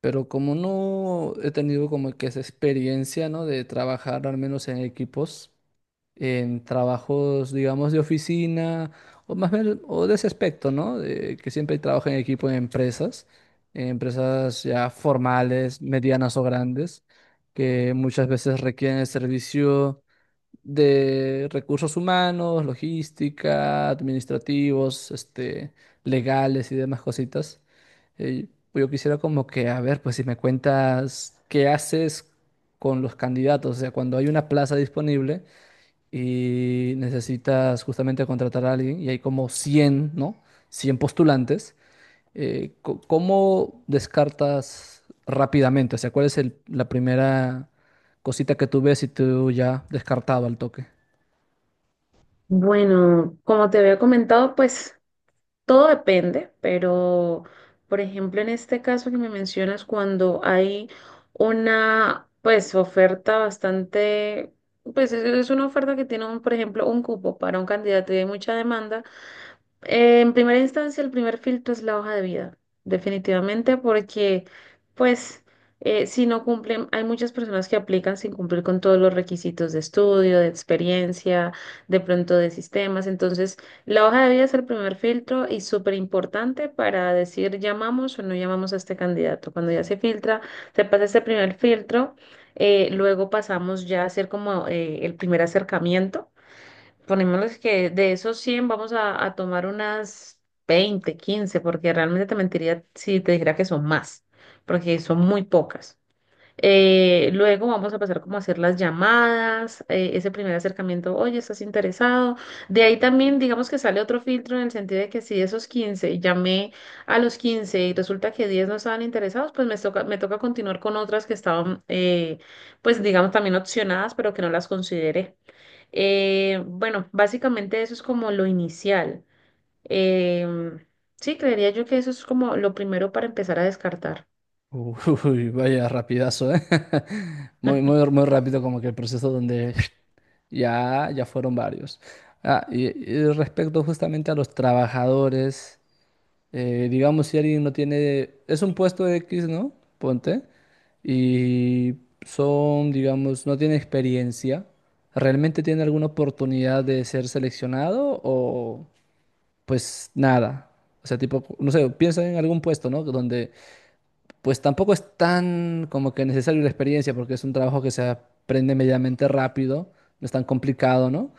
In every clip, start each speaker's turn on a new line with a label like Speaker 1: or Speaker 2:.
Speaker 1: Pero como no he tenido como que esa experiencia, ¿no? De trabajar al menos en equipos, en trabajos, digamos, de oficina, o más bien, o de ese aspecto, ¿no? De que siempre trabajo en equipo en empresas ya formales, medianas o grandes, que muchas veces requieren el servicio de recursos humanos, logística, administrativos, legales y demás cositas. Eh, yo quisiera como que, a ver, pues si me cuentas qué haces con los candidatos, o sea, cuando hay una plaza disponible y necesitas justamente contratar a alguien y hay como 100, ¿no? Cien postulantes, ¿ cómo descartas rápidamente? O sea, ¿cuál es la primera cosita que tú ves y tú ya descartado al toque?
Speaker 2: Bueno, como te había comentado, pues todo depende, pero por ejemplo, en este caso que me mencionas, cuando hay una pues oferta bastante, pues es una oferta que tiene un, por ejemplo, un cupo para un candidato y hay mucha demanda, en primera instancia, el primer filtro es la hoja de vida, definitivamente, porque pues si no cumplen, hay muchas personas que aplican sin cumplir con todos los requisitos de estudio, de experiencia, de pronto de sistemas. Entonces, la hoja de vida es el primer filtro y súper importante para decir llamamos o no llamamos a este candidato. Cuando ya se filtra, se pasa este primer filtro, luego pasamos ya a hacer como el primer acercamiento. Ponémosles que de esos 100 vamos a tomar unas 20 15 porque realmente te mentiría si te dijera que son más, porque son muy pocas. Luego vamos a pasar como a hacer las llamadas, ese primer acercamiento, oye, ¿estás interesado? De ahí también digamos que sale otro filtro en el sentido de que si de esos 15 llamé a los 15 y resulta que 10 no estaban interesados, pues me toca continuar con otras que estaban, pues digamos también opcionadas, pero que no las consideré. Bueno, básicamente eso es como lo inicial. Em, sí, creería yo que eso es como lo primero para empezar a descartar.
Speaker 1: Uy, vaya rapidazo, ¿eh? Muy, muy, muy rápido como que el proceso donde ya, ya fueron varios. Ah, y, y respecto justamente a los trabajadores, digamos si alguien no tiene, es un puesto X, ¿no? Ponte, y son, digamos, no tiene experiencia, ¿realmente tiene alguna oportunidad de ser seleccionado o pues nada? O sea, tipo, no sé, piensa en algún puesto, ¿no? Donde pues tampoco es tan como que necesario la experiencia porque es un trabajo que se aprende medianamente rápido, no es tan complicado, ¿no?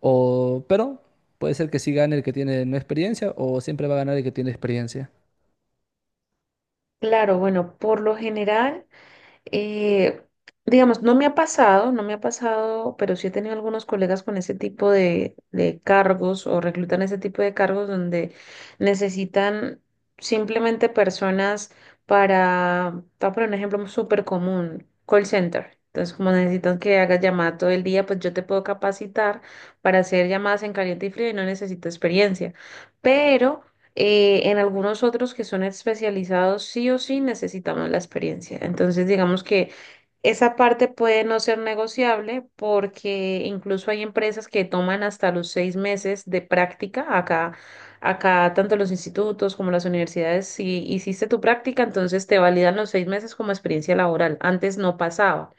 Speaker 1: O, pero puede ser que sí gane el que tiene no experiencia o siempre va a ganar el que tiene experiencia.
Speaker 2: Claro, bueno, por lo general. Eh, digamos, no me ha pasado, no me ha pasado, pero sí he tenido algunos colegas con ese tipo de cargos o reclutan ese tipo de cargos donde necesitan simplemente personas para, te voy a poner un ejemplo súper común, call center. Entonces, como necesitan que hagas llamadas todo el día, pues yo te puedo capacitar para hacer llamadas en caliente y frío y no necesito experiencia. Pero en algunos otros que son especializados, sí o sí necesitamos la experiencia. Entonces, digamos que esa parte puede no ser negociable porque incluso hay empresas que toman hasta los 6 meses de práctica. Acá, acá tanto los institutos como las universidades, si hiciste tu práctica, entonces te validan los 6 meses como experiencia laboral. Antes no pasaba,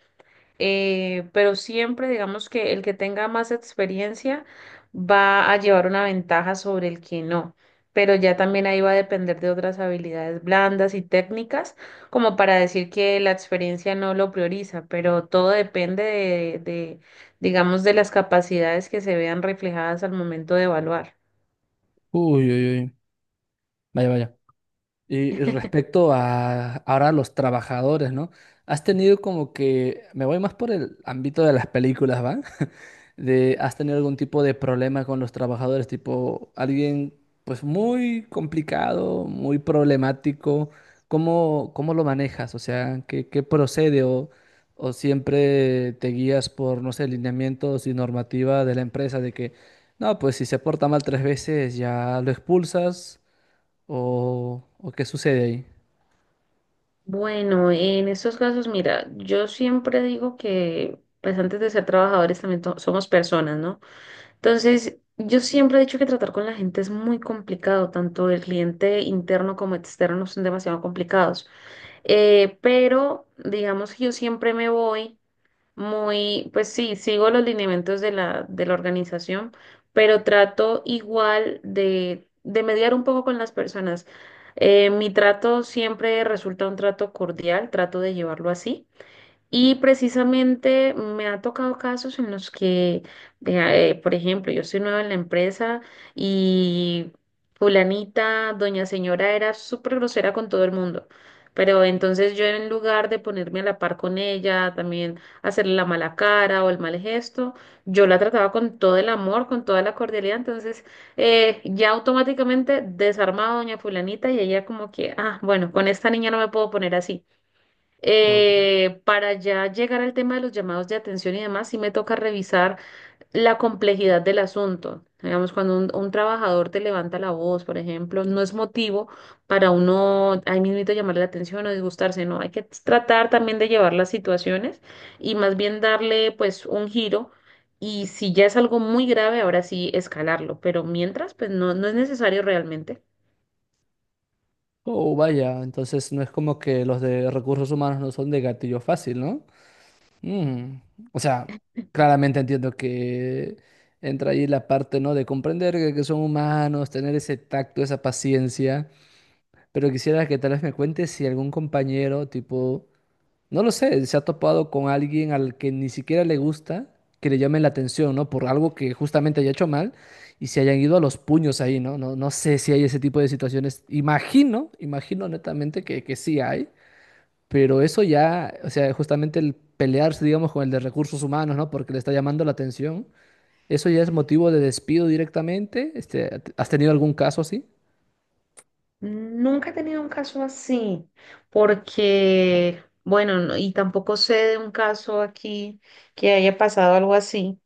Speaker 2: pero siempre digamos que el que tenga más experiencia va a llevar una ventaja sobre el que no. Pero ya también ahí va a depender de otras habilidades blandas y técnicas, como para decir que la experiencia no lo prioriza, pero todo depende de, digamos, de las capacidades que se vean reflejadas al momento de evaluar.
Speaker 1: Uy, uy, uy. Vaya, vaya. Y respecto a ahora los trabajadores, ¿no? Has tenido como que, me voy más por el ámbito de las películas, ¿va? De, ¿has tenido algún tipo de problema con los trabajadores? Tipo, alguien pues muy complicado, muy problemático. ¿Cómo, cómo lo manejas? O sea, ¿qué, qué procede? O, ¿o siempre te guías por, no sé, lineamientos y normativa de la empresa de que, no, pues si se porta mal tres veces ya lo expulsas? O qué sucede ahí?
Speaker 2: Bueno, en estos casos, mira, yo siempre digo que, pues antes de ser trabajadores también somos personas, ¿no? Entonces, yo siempre he dicho que tratar con la gente es muy complicado, tanto el cliente interno como externo son demasiado complicados. Pero, digamos que yo siempre me voy muy, pues sí, sigo los lineamientos de la organización, pero trato igual de mediar un poco con las personas. Mi trato siempre resulta un trato cordial, trato de llevarlo así. Y precisamente me ha tocado casos en los que, vea, por ejemplo, yo soy nueva en la empresa y fulanita, doña señora, era súper grosera con todo el mundo. Pero entonces yo en lugar de ponerme a la par con ella, también hacerle la mala cara o el mal gesto, yo la trataba con todo el amor, con toda la cordialidad. Entonces ya automáticamente desarmaba a doña fulanita y ella como que, ah, bueno, con esta niña no me puedo poner así.
Speaker 1: No,
Speaker 2: Para ya llegar al tema de los llamados de atención y demás, sí me toca revisar la complejidad del asunto. Digamos, cuando un trabajador te levanta la voz, por ejemplo, no es motivo para uno ahí mismito llamarle la atención o disgustarse, no, hay que tratar también de llevar las situaciones y más bien darle pues un giro y si ya es algo muy grave, ahora sí escalarlo, pero mientras pues no, no es necesario realmente.
Speaker 1: oh, vaya, entonces no es como que los de recursos humanos no son de gatillo fácil, ¿no? Mm. O sea, claramente entiendo que entra ahí la parte, ¿no? De comprender que son humanos, tener ese tacto, esa paciencia, pero quisiera que tal vez me cuentes si algún compañero, tipo... No lo sé, se ha topado con alguien al que ni siquiera le gusta que le llamen la atención, ¿no? Por algo que justamente haya hecho mal y se hayan ido a los puños ahí, ¿no? No, no sé si hay ese tipo de situaciones. Imagino, imagino netamente que sí hay, pero eso ya, o sea, justamente el pelearse, digamos, con el de recursos humanos, ¿no? Porque le está llamando la atención, eso ya es motivo de despido directamente. ¿ has tenido algún caso así?
Speaker 2: Nunca he tenido un caso así, porque, bueno, y tampoco sé de un caso aquí que haya pasado algo así.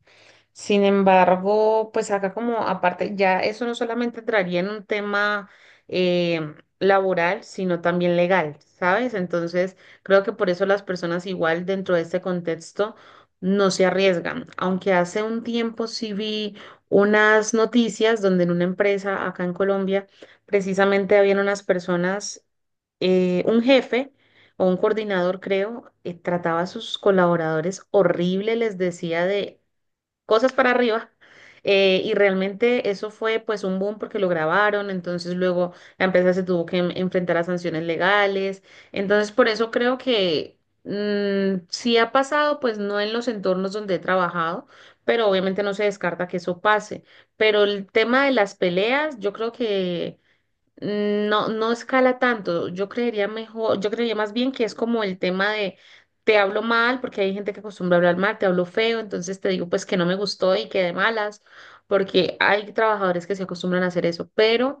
Speaker 2: Sin embargo, pues acá como aparte, ya eso no solamente entraría en un tema laboral, sino también legal, ¿sabes? Entonces, creo que por eso las personas igual dentro de este contexto no se arriesgan. Aunque hace un tiempo sí vi unas noticias donde en una empresa acá en Colombia, precisamente habían unas personas, un jefe o un coordinador, creo, trataba a sus colaboradores horrible, les decía de cosas para arriba. Y realmente eso fue pues un boom porque lo grabaron, entonces luego la empresa se tuvo que enfrentar a sanciones legales. Entonces por eso creo que sí ha pasado, pues no en los entornos donde he trabajado, pero obviamente no se descarta que eso pase. Pero el tema de las peleas, yo creo que... No, no escala tanto. Yo creería mejor, yo creería más bien que es como el tema de te hablo mal, porque hay gente que acostumbra hablar mal, te hablo feo, entonces te digo pues que no me gustó y que de malas, porque hay trabajadores que se acostumbran a hacer eso, pero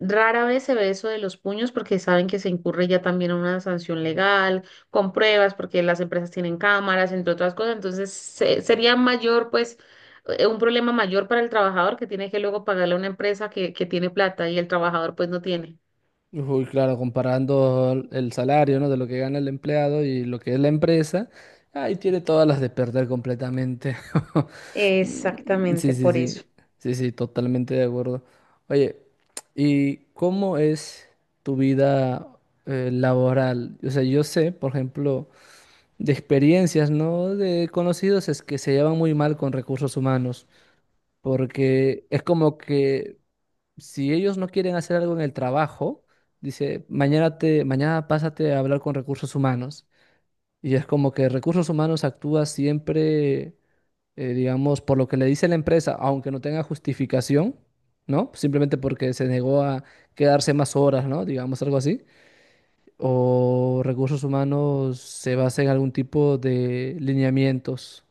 Speaker 2: rara vez se ve eso de los puños porque saben que se incurre ya también a una sanción legal, con pruebas, porque las empresas tienen cámaras, entre otras cosas. Entonces, sería mayor, pues, un problema mayor para el trabajador que tiene que luego pagarle a una empresa que tiene plata y el trabajador, pues, no tiene.
Speaker 1: Uy, claro, comparando el salario, ¿no? de lo que gana el empleado y lo que es la empresa, ahí tiene todas las de perder completamente. Mm.
Speaker 2: Exactamente,
Speaker 1: Sí, sí,
Speaker 2: por
Speaker 1: sí,
Speaker 2: eso.
Speaker 1: sí, sí, totalmente de acuerdo. Oye, ¿y cómo es tu vida laboral? O sea, yo sé, por ejemplo, de experiencias, ¿no? De conocidos es que se llevan muy mal con recursos humanos, porque es como que si ellos no quieren hacer algo en el trabajo, dice, mañana te, mañana pásate a hablar con recursos humanos. Y es como que recursos humanos actúa siempre, digamos, por lo que le dice la empresa, aunque no tenga justificación, ¿no? Simplemente porque se negó a quedarse más horas, ¿no? Digamos algo así. O recursos humanos se basa en algún tipo de lineamientos.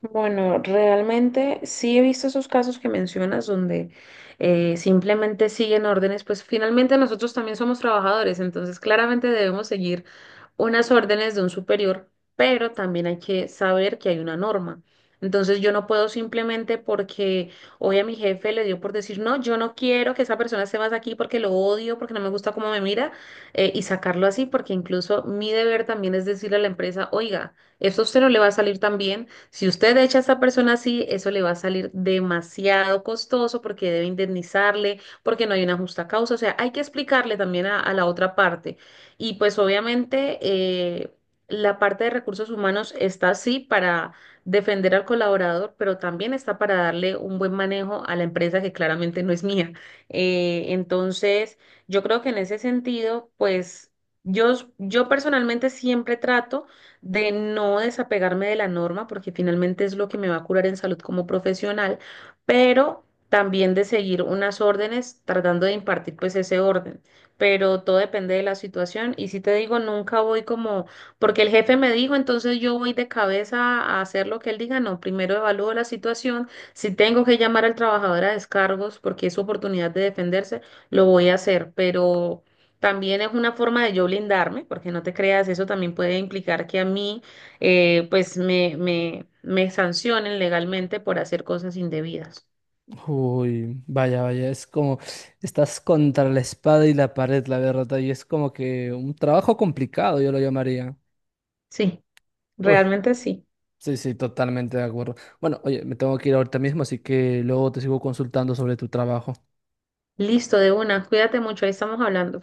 Speaker 2: Bueno, realmente sí he visto esos casos que mencionas donde simplemente siguen órdenes, pues finalmente nosotros también somos trabajadores, entonces claramente debemos seguir unas órdenes de un superior, pero también hay que saber que hay una norma. Entonces yo no puedo simplemente porque hoy a mi jefe le dio por decir, no, yo no quiero que esa persona esté más aquí porque lo odio, porque no me gusta cómo me mira, y sacarlo así, porque incluso mi deber también es decirle a la empresa, oiga, esto a usted no le va a salir tan bien si usted echa a esa persona así, eso le va a salir demasiado costoso porque debe indemnizarle, porque no hay una justa causa. O sea, hay que explicarle también a la otra parte. Y pues obviamente la parte de recursos humanos está así para defender al colaborador, pero también está para darle un buen manejo a la empresa que claramente no es mía. Entonces, yo creo que en ese sentido, pues yo personalmente siempre trato de no desapegarme de la norma, porque finalmente es lo que me va a curar en salud como profesional, pero también de seguir unas órdenes, tratando de impartir pues ese orden. Pero todo depende de la situación. Y si te digo, nunca voy como, porque el jefe me dijo, entonces yo voy de cabeza a hacer lo que él diga. No, primero evalúo la situación. Si tengo que llamar al trabajador a descargos porque es su oportunidad de defenderse, lo voy a hacer. Pero también es una forma de yo blindarme, porque no te creas, eso también puede implicar que a mí, pues, me sancionen legalmente por hacer cosas indebidas.
Speaker 1: Uy, vaya, vaya, es como estás contra la espada y la pared, la verdad, y es como que un trabajo complicado, yo lo llamaría.
Speaker 2: Sí,
Speaker 1: Uy,
Speaker 2: realmente sí.
Speaker 1: sí, sí, totalmente de acuerdo. Bueno, oye, me tengo que ir ahorita mismo, así que luego te sigo consultando sobre tu trabajo.
Speaker 2: Listo, de una. Cuídate mucho, ahí estamos hablando.